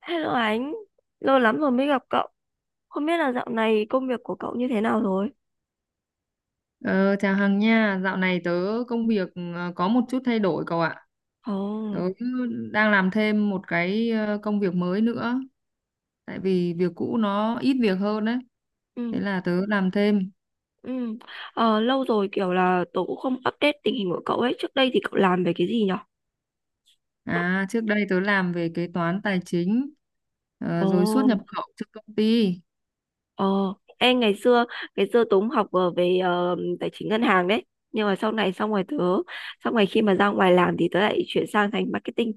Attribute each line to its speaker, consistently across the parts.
Speaker 1: Hello anh, lâu lắm rồi mới gặp cậu. Không biết là dạo này công việc của cậu như thế nào rồi?
Speaker 2: Ờ, Chào Hằng nha, dạo này tớ công việc có một chút thay đổi cậu ạ.
Speaker 1: Ồ,
Speaker 2: Tớ đang làm thêm một cái công việc mới nữa, tại vì việc cũ nó ít việc hơn đấy. Thế
Speaker 1: ừ,
Speaker 2: là tớ làm thêm.
Speaker 1: ừ. Lâu rồi kiểu là tớ cũng không update tình hình của cậu ấy. Trước đây thì cậu làm về cái gì nhở?
Speaker 2: À, trước đây tớ làm về kế toán tài chính,
Speaker 1: Ồ,
Speaker 2: rồi xuất nhập khẩu cho công ty.
Speaker 1: ồ. Em ngày xưa tớ cũng học về tài chính ngân hàng đấy. Nhưng mà sau này xong rồi tớ, xong rồi khi mà ra ngoài làm thì tớ lại chuyển sang thành marketing.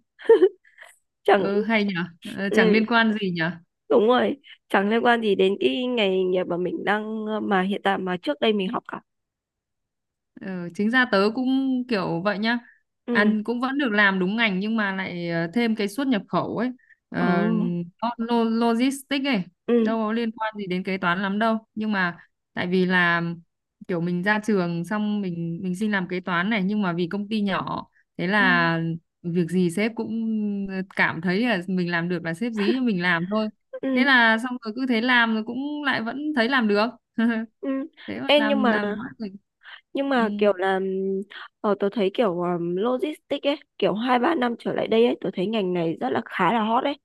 Speaker 1: Chẳng,
Speaker 2: Ừ, hay nhở. Chẳng
Speaker 1: ừ,
Speaker 2: liên quan gì nhỉ?
Speaker 1: đúng rồi, chẳng liên quan gì đến cái nghề nghiệp mà mình đang, mà hiện tại mà trước đây mình học cả.
Speaker 2: Ừ, chính ra tớ cũng kiểu vậy nhá,
Speaker 1: Ừ.
Speaker 2: ăn cũng vẫn được làm đúng ngành, nhưng mà lại thêm cái xuất nhập khẩu ấy,
Speaker 1: Ồ.
Speaker 2: ờ, nó logistics ấy,
Speaker 1: Ừ.
Speaker 2: đâu có liên quan gì đến kế toán lắm đâu, nhưng mà tại vì là kiểu mình ra trường xong mình xin làm kế toán này, nhưng mà vì công ty nhỏ, thế
Speaker 1: Ờ.
Speaker 2: là việc gì sếp cũng cảm thấy là mình làm được là sếp dí cho mình làm thôi, thế
Speaker 1: Ừ.
Speaker 2: là xong rồi cứ thế làm, rồi cũng lại vẫn thấy làm được.
Speaker 1: Ừ.
Speaker 2: Thế mà
Speaker 1: Ê, nhưng
Speaker 2: làm
Speaker 1: mà
Speaker 2: làm nó thì
Speaker 1: nhưng
Speaker 2: ừ.
Speaker 1: mà kiểu là tớ thấy kiểu logistics ấy kiểu hai ba năm trở lại đây ấy tớ thấy ngành này rất là khá là hot ấy,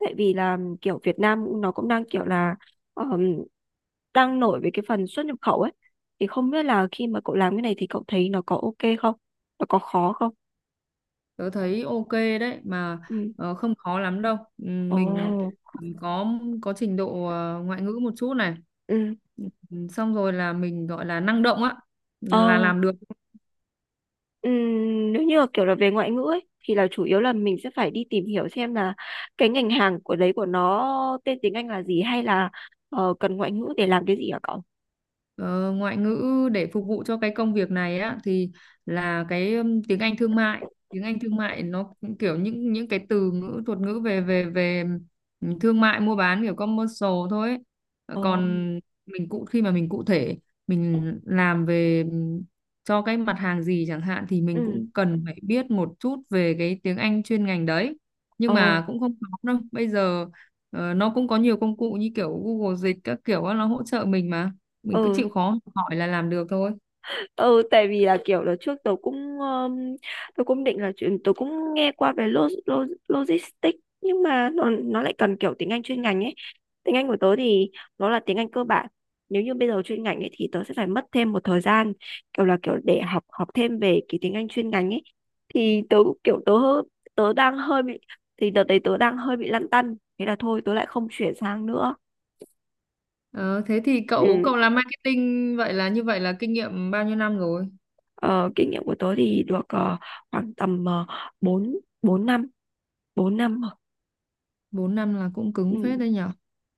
Speaker 1: tại vì là kiểu Việt Nam nó cũng đang kiểu là ờm, đang nổi về cái phần xuất nhập khẩu ấy. Thì không biết là khi mà cậu làm cái này thì cậu thấy nó có ok không, nó có khó không?
Speaker 2: Tớ thấy ok đấy mà,
Speaker 1: Ừ.
Speaker 2: không khó lắm đâu, ừ, mình
Speaker 1: Ồ.
Speaker 2: có có trình độ ngoại ngữ một chút này.
Speaker 1: Ừ.
Speaker 2: Ừ, xong rồi là mình gọi là năng động á, là
Speaker 1: Ồ.
Speaker 2: làm được.
Speaker 1: Ừm, nếu như là kiểu là về ngoại ngữ ấy, thì là chủ yếu là mình sẽ phải đi tìm hiểu xem là cái ngành hàng của đấy của nó tên tiếng Anh là gì, hay là cần ngoại ngữ để làm cái gì hả cậu?
Speaker 2: Ờ, Ngoại ngữ để phục vụ cho cái công việc này á thì là cái tiếng Anh thương mại, nó cũng kiểu những cái từ ngữ thuật ngữ về về về thương mại mua bán kiểu commercial thôi ấy. Ờ,
Speaker 1: Ồ,
Speaker 2: còn mình cụ khi mà mình cụ thể mình làm về cho cái mặt hàng gì chẳng hạn thì mình
Speaker 1: Ừ,
Speaker 2: cũng cần phải biết một chút về cái tiếng Anh chuyên ngành đấy, nhưng
Speaker 1: ờ,
Speaker 2: mà cũng không khó đâu bây giờ, nó cũng có nhiều công cụ như kiểu Google Dịch các kiểu á, nó hỗ trợ mình mà, mình cứ
Speaker 1: ừ.
Speaker 2: chịu khó học hỏi là làm được thôi.
Speaker 1: Ừ, tại vì là kiểu là trước tôi cũng định là chuyện tôi cũng nghe qua về lo, lo, logistics, nhưng mà nó lại cần kiểu tiếng Anh chuyên ngành ấy. Tiếng Anh của tớ thì nó là tiếng Anh cơ bản. Nếu như bây giờ chuyên ngành ấy thì tớ sẽ phải mất thêm một thời gian kiểu là kiểu để học học thêm về cái tiếng Anh chuyên ngành ấy. Thì tớ cũng kiểu tớ đang hơi bị, thì đợt đấy tớ đang hơi bị lăn tăn, thế là thôi tớ lại không chuyển sang nữa.
Speaker 2: Ờ, Thế thì cậu
Speaker 1: Ừ.
Speaker 2: cậu làm marketing, vậy là như vậy là kinh nghiệm bao nhiêu năm rồi?
Speaker 1: ờ, kinh nghiệm của tớ thì được khoảng tầm 4 4 năm, 4 năm rồi.
Speaker 2: 4 năm là cũng
Speaker 1: Ừ.
Speaker 2: cứng phết đấy nhở.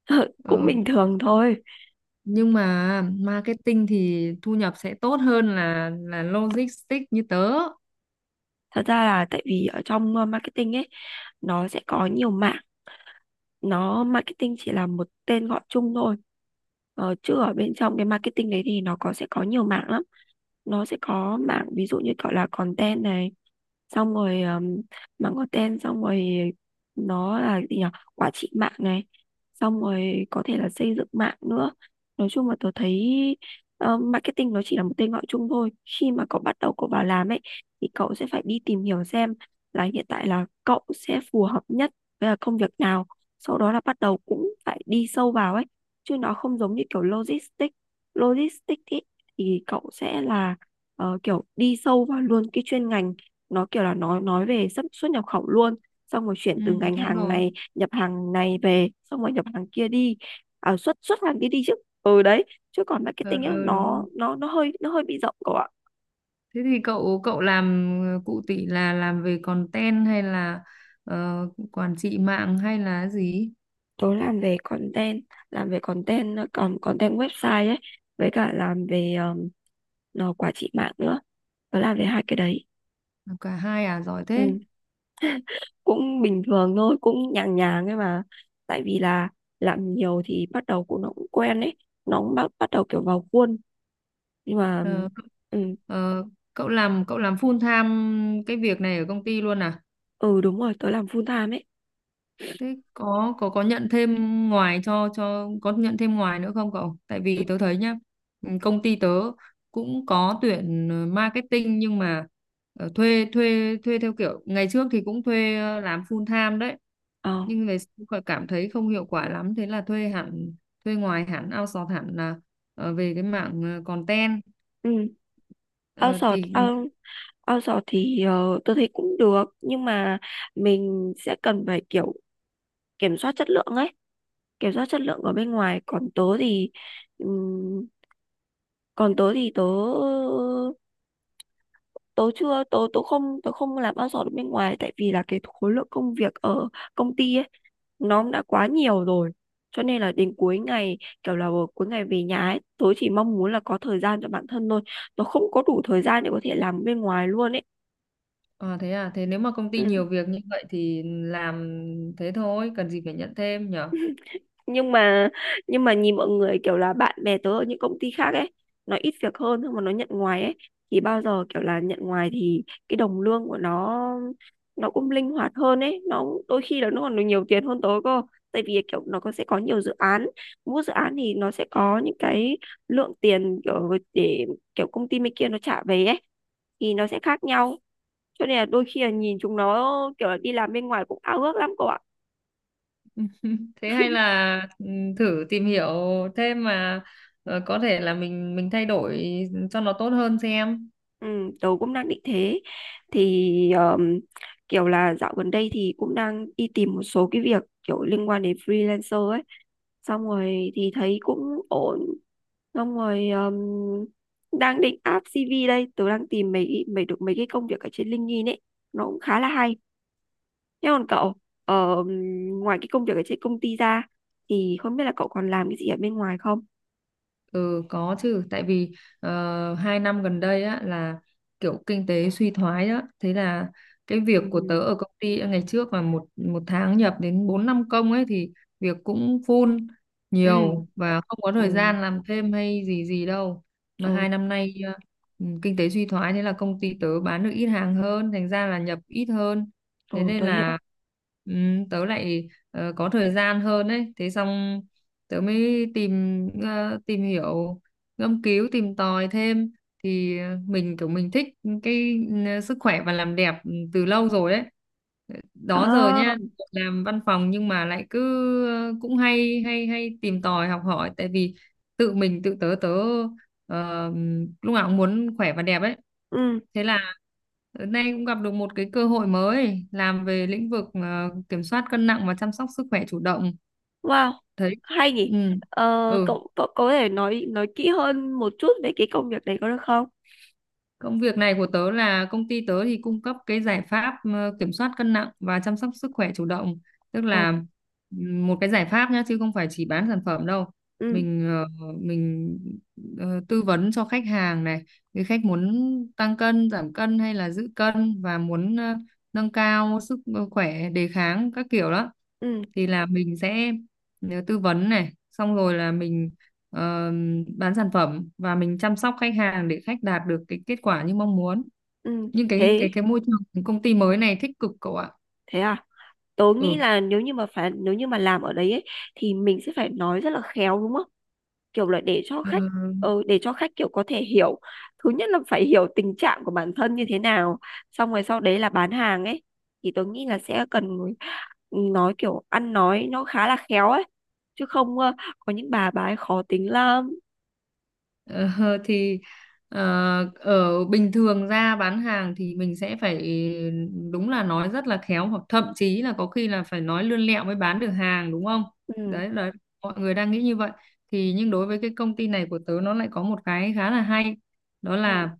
Speaker 1: Cũng
Speaker 2: Ờ,
Speaker 1: bình thường thôi.
Speaker 2: nhưng mà marketing thì thu nhập sẽ tốt hơn là logistics như tớ.
Speaker 1: Thật ra là tại vì ở trong marketing ấy nó sẽ có nhiều mảng. Nó marketing chỉ là một tên gọi chung thôi, chứ ở bên trong cái marketing đấy thì nó có sẽ có nhiều mảng lắm. Nó sẽ có mảng ví dụ như gọi là content này, xong rồi mảng content, xong rồi nó là gì nhỉ, quản trị mạng này, xong rồi có thể là xây dựng mạng nữa. Nói chung là tôi thấy marketing nó chỉ là một tên gọi chung thôi. Khi mà cậu bắt đầu cậu vào làm ấy, thì cậu sẽ phải đi tìm hiểu xem là hiện tại là cậu sẽ phù hợp nhất với là công việc nào, sau đó là bắt đầu cũng phải đi sâu vào ấy. Chứ nó không giống như kiểu logistics, logistics ý, thì cậu sẽ là kiểu đi sâu vào luôn cái chuyên ngành, nó kiểu là nói về xuất xuất nhập khẩu luôn, xong rồi chuyển
Speaker 2: Ừ,
Speaker 1: từ ngành
Speaker 2: đúng
Speaker 1: hàng
Speaker 2: rồi.
Speaker 1: này, nhập hàng này về xong rồi nhập hàng kia đi, à, xuất xuất hàng kia đi chứ. Ừ đấy, chứ còn marketing á
Speaker 2: Ờ, Đúng
Speaker 1: nó
Speaker 2: rồi.
Speaker 1: nó nó hơi nó hơi bị rộng cậu ạ.
Speaker 2: Thế thì cậu cậu làm, cụ tỷ là làm về content hay là ờ, quản trị mạng hay là gì?
Speaker 1: Tớ làm về content, làm về content, còn content website ấy, với cả làm về nó quản trị mạng nữa, tớ làm đến hai cái đấy.
Speaker 2: Làm cả hai à, giỏi thế.
Speaker 1: Ừ. Cũng bình thường thôi, cũng nhàng nhàng ấy mà. Tại vì là làm nhiều thì bắt đầu cũng nó cũng quen ấy, nó cũng bắt bắt đầu kiểu vào khuôn, nhưng mà
Speaker 2: Ờ.
Speaker 1: ừ,
Speaker 2: Ờ, Cậu làm, cậu làm full time cái việc này ở công ty luôn à?
Speaker 1: ừ đúng rồi, tớ làm full time ấy.
Speaker 2: Thế có nhận thêm ngoài nữa không cậu? Tại vì tớ thấy nhá, ừ, công ty tớ cũng có tuyển marketing, nhưng mà thuê thuê thuê theo kiểu ngày trước thì cũng thuê làm full time đấy.
Speaker 1: Ờ.
Speaker 2: Nhưng về sau cậu cảm thấy không hiệu quả lắm, thế là thuê hẳn, thuê ngoài hẳn, outsource hẳn là về cái mảng content.
Speaker 1: Ừ.
Speaker 2: Ờ,
Speaker 1: outsource
Speaker 2: thì
Speaker 1: out- outsource thì tôi thấy cũng được, nhưng mà mình sẽ cần phải kiểu kiểm soát chất lượng ấy, kiểm soát chất lượng ở bên ngoài. Còn tớ thì ừm, còn tớ thì tớ tớ chưa tớ tớ không làm outsource được bên ngoài, tại vì là cái khối lượng công việc ở công ty ấy nó đã quá nhiều rồi, cho nên là đến cuối ngày kiểu là cuối ngày về nhà ấy tớ chỉ mong muốn là có thời gian cho bản thân thôi. Tớ không có đủ thời gian để có thể làm bên ngoài luôn ấy.
Speaker 2: À, thế nếu mà công ty
Speaker 1: Ừ.
Speaker 2: nhiều việc như vậy thì làm thế thôi, cần gì phải nhận thêm nhở?
Speaker 1: nhưng mà nhưng mà nhìn mọi người kiểu là bạn bè tớ ở những công ty khác ấy, nó ít việc hơn nhưng mà nó nhận ngoài ấy, thì bao giờ kiểu là nhận ngoài thì cái đồng lương của nó cũng linh hoạt hơn ấy, nó đôi khi là nó còn được nhiều tiền hơn tớ cơ. Tại vì kiểu nó có sẽ có nhiều dự án, mỗi dự án thì nó sẽ có những cái lượng tiền kiểu để kiểu công ty bên kia nó trả về ấy thì nó sẽ khác nhau, cho nên là đôi khi là nhìn chúng nó kiểu là đi làm bên ngoài cũng ao ước lắm cô ạ.
Speaker 2: Thế hay là, ừ, thử tìm hiểu thêm mà, có thể là mình thay đổi cho nó tốt hơn xem.
Speaker 1: Ừ, tớ cũng đang định thế. Thì kiểu là dạo gần đây thì cũng đang đi tìm một số cái việc kiểu liên quan đến freelancer ấy, xong rồi thì thấy cũng ổn, xong rồi đang định áp CV đây, tớ đang tìm mấy mấy được mấy cái công việc ở trên LinkedIn ấy, nó cũng khá là hay. Thế còn cậu, ờ, ngoài cái công việc ở trên công ty ra thì không biết là cậu còn làm cái gì ở bên ngoài không?
Speaker 2: Ừ, có chứ, tại vì 2 năm gần đây á là kiểu kinh tế suy thoái á, thế là cái việc
Speaker 1: Ừ.
Speaker 2: của tớ ở công ty ngày trước mà một một tháng nhập đến 4 5 công ấy thì việc cũng full,
Speaker 1: Ừ.
Speaker 2: nhiều và không có thời
Speaker 1: Ừ.
Speaker 2: gian làm thêm hay gì gì đâu. Mà 2 năm nay, ừ, kinh tế suy thoái, thế là công ty tớ bán được ít hàng hơn, thành ra là nhập ít hơn, thế
Speaker 1: Ừ.
Speaker 2: nên
Speaker 1: Tôi hiểu.
Speaker 2: là ừ, tớ lại có thời gian hơn đấy. Thế xong tớ mới tìm hiểu, ngâm cứu tìm tòi thêm, thì mình kiểu mình thích cái sức khỏe và làm đẹp từ lâu rồi đấy, đó giờ
Speaker 1: À,
Speaker 2: nha. Làm văn phòng nhưng mà lại cứ cũng hay hay hay tìm tòi học hỏi, tại vì tự tớ tớ ờ, lúc nào cũng muốn khỏe và đẹp ấy.
Speaker 1: ừ.
Speaker 2: Thế là hôm nay cũng gặp được một cái cơ hội mới, làm về lĩnh vực kiểm soát cân nặng và chăm sóc sức khỏe chủ động,
Speaker 1: Wow,
Speaker 2: thấy,
Speaker 1: hay nhỉ.
Speaker 2: ừ.
Speaker 1: Ờ,
Speaker 2: Ừ,
Speaker 1: cậu, cậu có thể nói kỹ hơn một chút về cái công việc đấy có được không?
Speaker 2: công việc này của tớ là công ty tớ thì cung cấp cái giải pháp kiểm soát cân nặng và chăm sóc sức khỏe chủ động. Tức
Speaker 1: Ờ,
Speaker 2: là một cái giải pháp nhá, chứ không phải chỉ bán sản phẩm đâu.
Speaker 1: ừ,
Speaker 2: mình ờ, mình tư vấn cho khách hàng này, cái khách muốn tăng cân, giảm cân hay là giữ cân và muốn nâng cao sức khỏe, đề kháng các kiểu đó,
Speaker 1: ừ,
Speaker 2: thì là mình sẽ tư vấn này, xong rồi là mình ờ, bán sản phẩm và mình chăm sóc khách hàng để khách đạt được cái kết quả như mong muốn.
Speaker 1: ừ,
Speaker 2: Nhưng cái
Speaker 1: thế,
Speaker 2: cái cái môi trường công ty mới này thích cực cậu ạ.
Speaker 1: thế à? Tớ nghĩ
Speaker 2: Ừ.
Speaker 1: là nếu như mà làm ở đấy ấy, thì mình sẽ phải nói rất là khéo đúng không? Kiểu là để cho
Speaker 2: Ờ,
Speaker 1: khách để cho khách kiểu có thể hiểu, thứ nhất là phải hiểu tình trạng của bản thân như thế nào, xong rồi sau đấy là bán hàng ấy, thì tôi nghĩ là sẽ cần người- nói kiểu ăn nói nó khá là khéo ấy, chứ không có những bà ấy khó tính lắm.
Speaker 2: Ờ, thì ờ, Ở bình thường ra bán hàng thì mình sẽ phải đúng là nói rất là khéo, hoặc thậm chí là có khi là phải nói lươn lẹo mới bán được hàng, đúng không?
Speaker 1: Ừ,
Speaker 2: Đấy là mọi người đang nghĩ như vậy. Thì nhưng đối với cái công ty này của tớ, nó lại có một cái khá là hay, đó
Speaker 1: ừ,
Speaker 2: là: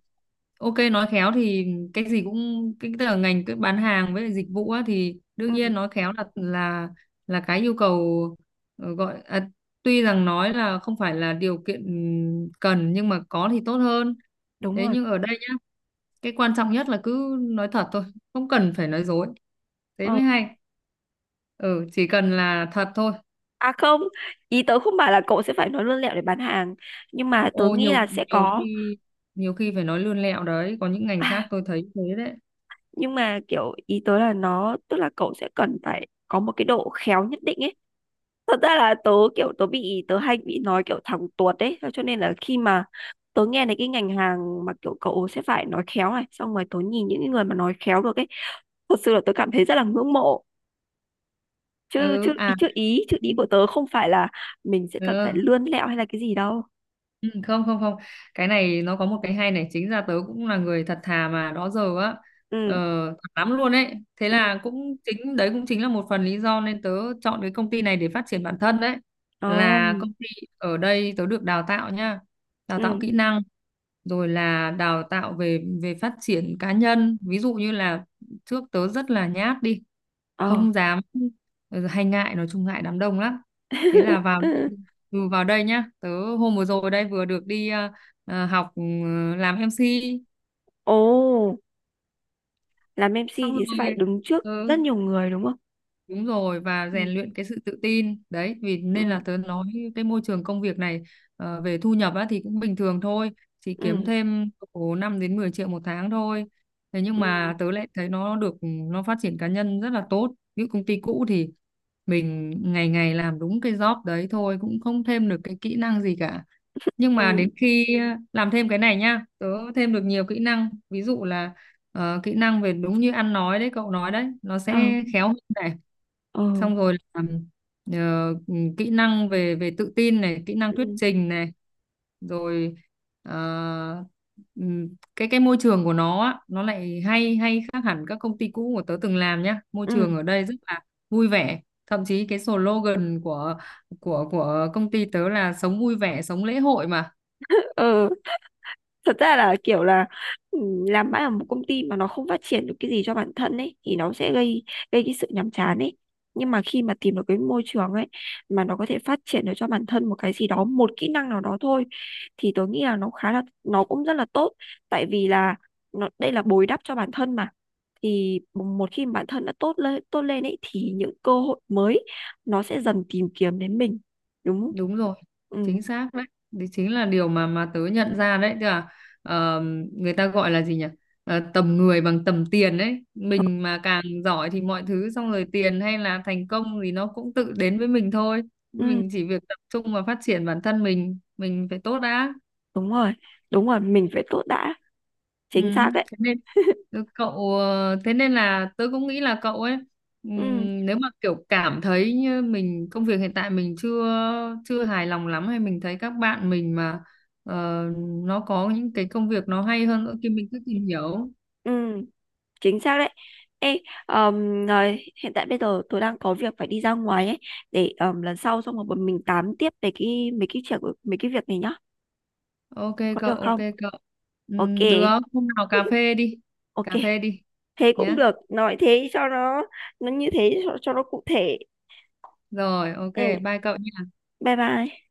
Speaker 2: ok, nói khéo thì, cái gì cũng, cái tức là ngành, cái bán hàng với lại dịch vụ á, thì đương
Speaker 1: ừ,
Speaker 2: nhiên nói khéo là cái yêu cầu, ờ, gọi à, tuy rằng nói là không phải là điều kiện cần nhưng mà có thì tốt hơn.
Speaker 1: đúng
Speaker 2: Thế
Speaker 1: rồi.
Speaker 2: nhưng ở đây nhá, cái quan trọng nhất là cứ nói thật thôi, không cần phải nói dối, thế
Speaker 1: Ờ.
Speaker 2: mới hay. Ừ, chỉ cần là thật thôi.
Speaker 1: À không, ý tớ không bảo là cậu sẽ phải nói lươn lẹo để bán hàng, nhưng mà tớ
Speaker 2: Ô
Speaker 1: nghĩ
Speaker 2: nhiều
Speaker 1: là sẽ
Speaker 2: nhiều
Speaker 1: có,
Speaker 2: khi Nhiều khi phải nói lươn lẹo đấy, có những ngành
Speaker 1: à,
Speaker 2: khác tôi thấy thế đấy.
Speaker 1: nhưng mà kiểu ý tớ là nó tức là cậu sẽ cần phải có một cái độ khéo nhất định ấy. Thật ra là tớ kiểu tớ bị tớ hay bị nói kiểu thẳng tuột đấy, cho nên là khi mà tớ nghe thấy cái ngành hàng mà kiểu cậu sẽ phải nói khéo này, xong rồi tớ nhìn những cái người mà nói khéo được ấy, thật sự là tớ cảm thấy rất là ngưỡng mộ. chứ chứ
Speaker 2: Ừ,
Speaker 1: ý
Speaker 2: à,
Speaker 1: chứ ý chứ ý của tớ không phải là mình sẽ cần phải
Speaker 2: ừ.
Speaker 1: lươn lẹo hay là cái gì đâu.
Speaker 2: Ừ, không, không, không, cái này nó có một cái hay này, chính ra tớ cũng là người thật thà mà đó giờ á, ờ,
Speaker 1: Ừ.
Speaker 2: thật lắm luôn ấy. Thế
Speaker 1: Ừ.
Speaker 2: là cũng chính đấy, cũng chính là một phần lý do nên tớ chọn cái công ty này để phát triển bản thân đấy.
Speaker 1: Ồ.
Speaker 2: Là công ty ở đây tớ được đào tạo nha, đào tạo
Speaker 1: Ừ.
Speaker 2: kỹ năng, rồi là đào tạo về về phát triển cá nhân, ví dụ như là trước tớ rất là nhát, đi
Speaker 1: Ờ.
Speaker 2: không dám, hay ngại, nói chung ngại đám đông lắm. Thế là vào, vào đây nhá, tớ hôm vừa rồi đây vừa được đi học, làm MC,
Speaker 1: Ồ, làm MC
Speaker 2: xong
Speaker 1: thì sẽ phải
Speaker 2: rồi.
Speaker 1: đứng trước
Speaker 2: Ừ,
Speaker 1: rất nhiều người đúng không?
Speaker 2: đúng rồi và
Speaker 1: Ừ.
Speaker 2: rèn luyện cái sự tự tin đấy, vì nên là
Speaker 1: Ừ.
Speaker 2: tớ nói cái môi trường công việc này, về thu nhập á, thì cũng bình thường thôi, chỉ kiếm
Speaker 1: Ừ.
Speaker 2: thêm khoảng 5 đến 10 triệu một tháng thôi. Thế nhưng
Speaker 1: Ừ.
Speaker 2: mà tớ lại thấy nó được, nó phát triển cá nhân rất là tốt. Ví dụ công ty cũ thì mình ngày ngày làm đúng cái job đấy thôi, cũng không thêm được cái kỹ năng gì cả, nhưng mà đến
Speaker 1: Ừ.
Speaker 2: khi làm thêm cái này nhá, tớ thêm được nhiều kỹ năng, ví dụ là kỹ năng về đúng như ăn nói đấy, cậu nói đấy, nó
Speaker 1: Ờ.
Speaker 2: sẽ khéo hơn,
Speaker 1: Ờ.
Speaker 2: xong rồi là kỹ năng về về tự tin này, kỹ năng thuyết
Speaker 1: Ừ.
Speaker 2: trình này, rồi ờ, ừm, cái môi trường của nó á, nó lại hay hay khác hẳn các công ty cũ của tớ từng làm nhá. Môi
Speaker 1: Ừ.
Speaker 2: trường ở đây rất là vui vẻ, thậm chí cái slogan của, của công ty tớ là sống vui vẻ sống lễ hội mà.
Speaker 1: Ừ. Thật ra là kiểu là ừ, làm mãi ở một công ty mà nó không phát triển được cái gì cho bản thân ấy thì nó sẽ gây gây cái sự nhàm chán ấy. Nhưng mà khi mà tìm được cái môi trường ấy mà nó có thể phát triển được cho bản thân một cái gì đó, một kỹ năng nào đó thôi, thì tôi nghĩ là nó khá là nó cũng rất là tốt. Tại vì là nó đây là bồi đắp cho bản thân mà. Thì một khi mà bản thân đã tốt lên ấy thì những cơ hội mới nó sẽ dần tìm kiếm đến mình, đúng không?
Speaker 2: Đúng rồi,
Speaker 1: Ừ.
Speaker 2: chính xác đấy, đấy chính là điều mà tớ nhận ra đấy. Tức là ờ, người ta gọi là gì nhỉ? Tầm người bằng tầm tiền đấy, mình mà càng giỏi thì mọi thứ, xong rồi tiền hay là thành công thì nó cũng tự đến với mình thôi,
Speaker 1: Ừ,
Speaker 2: mình chỉ việc tập trung và phát triển bản thân, mình phải tốt đã.
Speaker 1: đúng rồi, đúng rồi, mình phải tốt đã,
Speaker 2: Ừ,
Speaker 1: chính xác đấy.
Speaker 2: thế nên, thế nên là tớ cũng nghĩ là cậu ấy,
Speaker 1: Ừ.
Speaker 2: nếu mà kiểu cảm thấy như mình, công việc hiện tại mình chưa chưa hài lòng lắm, hay mình thấy các bạn mình mà ờ, nó có những cái công việc nó hay hơn nữa thì mình cứ tìm hiểu.
Speaker 1: Ừ, chính xác đấy. Ê, rồi, hiện tại bây giờ tôi đang có việc phải đi ra ngoài ấy, để lần sau xong rồi bọn mình tám tiếp về cái mấy cái chuyện mấy cái việc này nhá,
Speaker 2: Ok
Speaker 1: có được
Speaker 2: cậu, ok
Speaker 1: không?
Speaker 2: cậu.
Speaker 1: Ok.
Speaker 2: Được, hôm nào cà phê đi.
Speaker 1: Ok,
Speaker 2: Cà phê đi
Speaker 1: thế cũng
Speaker 2: nhá.
Speaker 1: được, nói thế cho nó như thế cho nó cụ thể.
Speaker 2: Rồi, ok,
Speaker 1: Ừ,
Speaker 2: bye cậu.
Speaker 1: bye bye.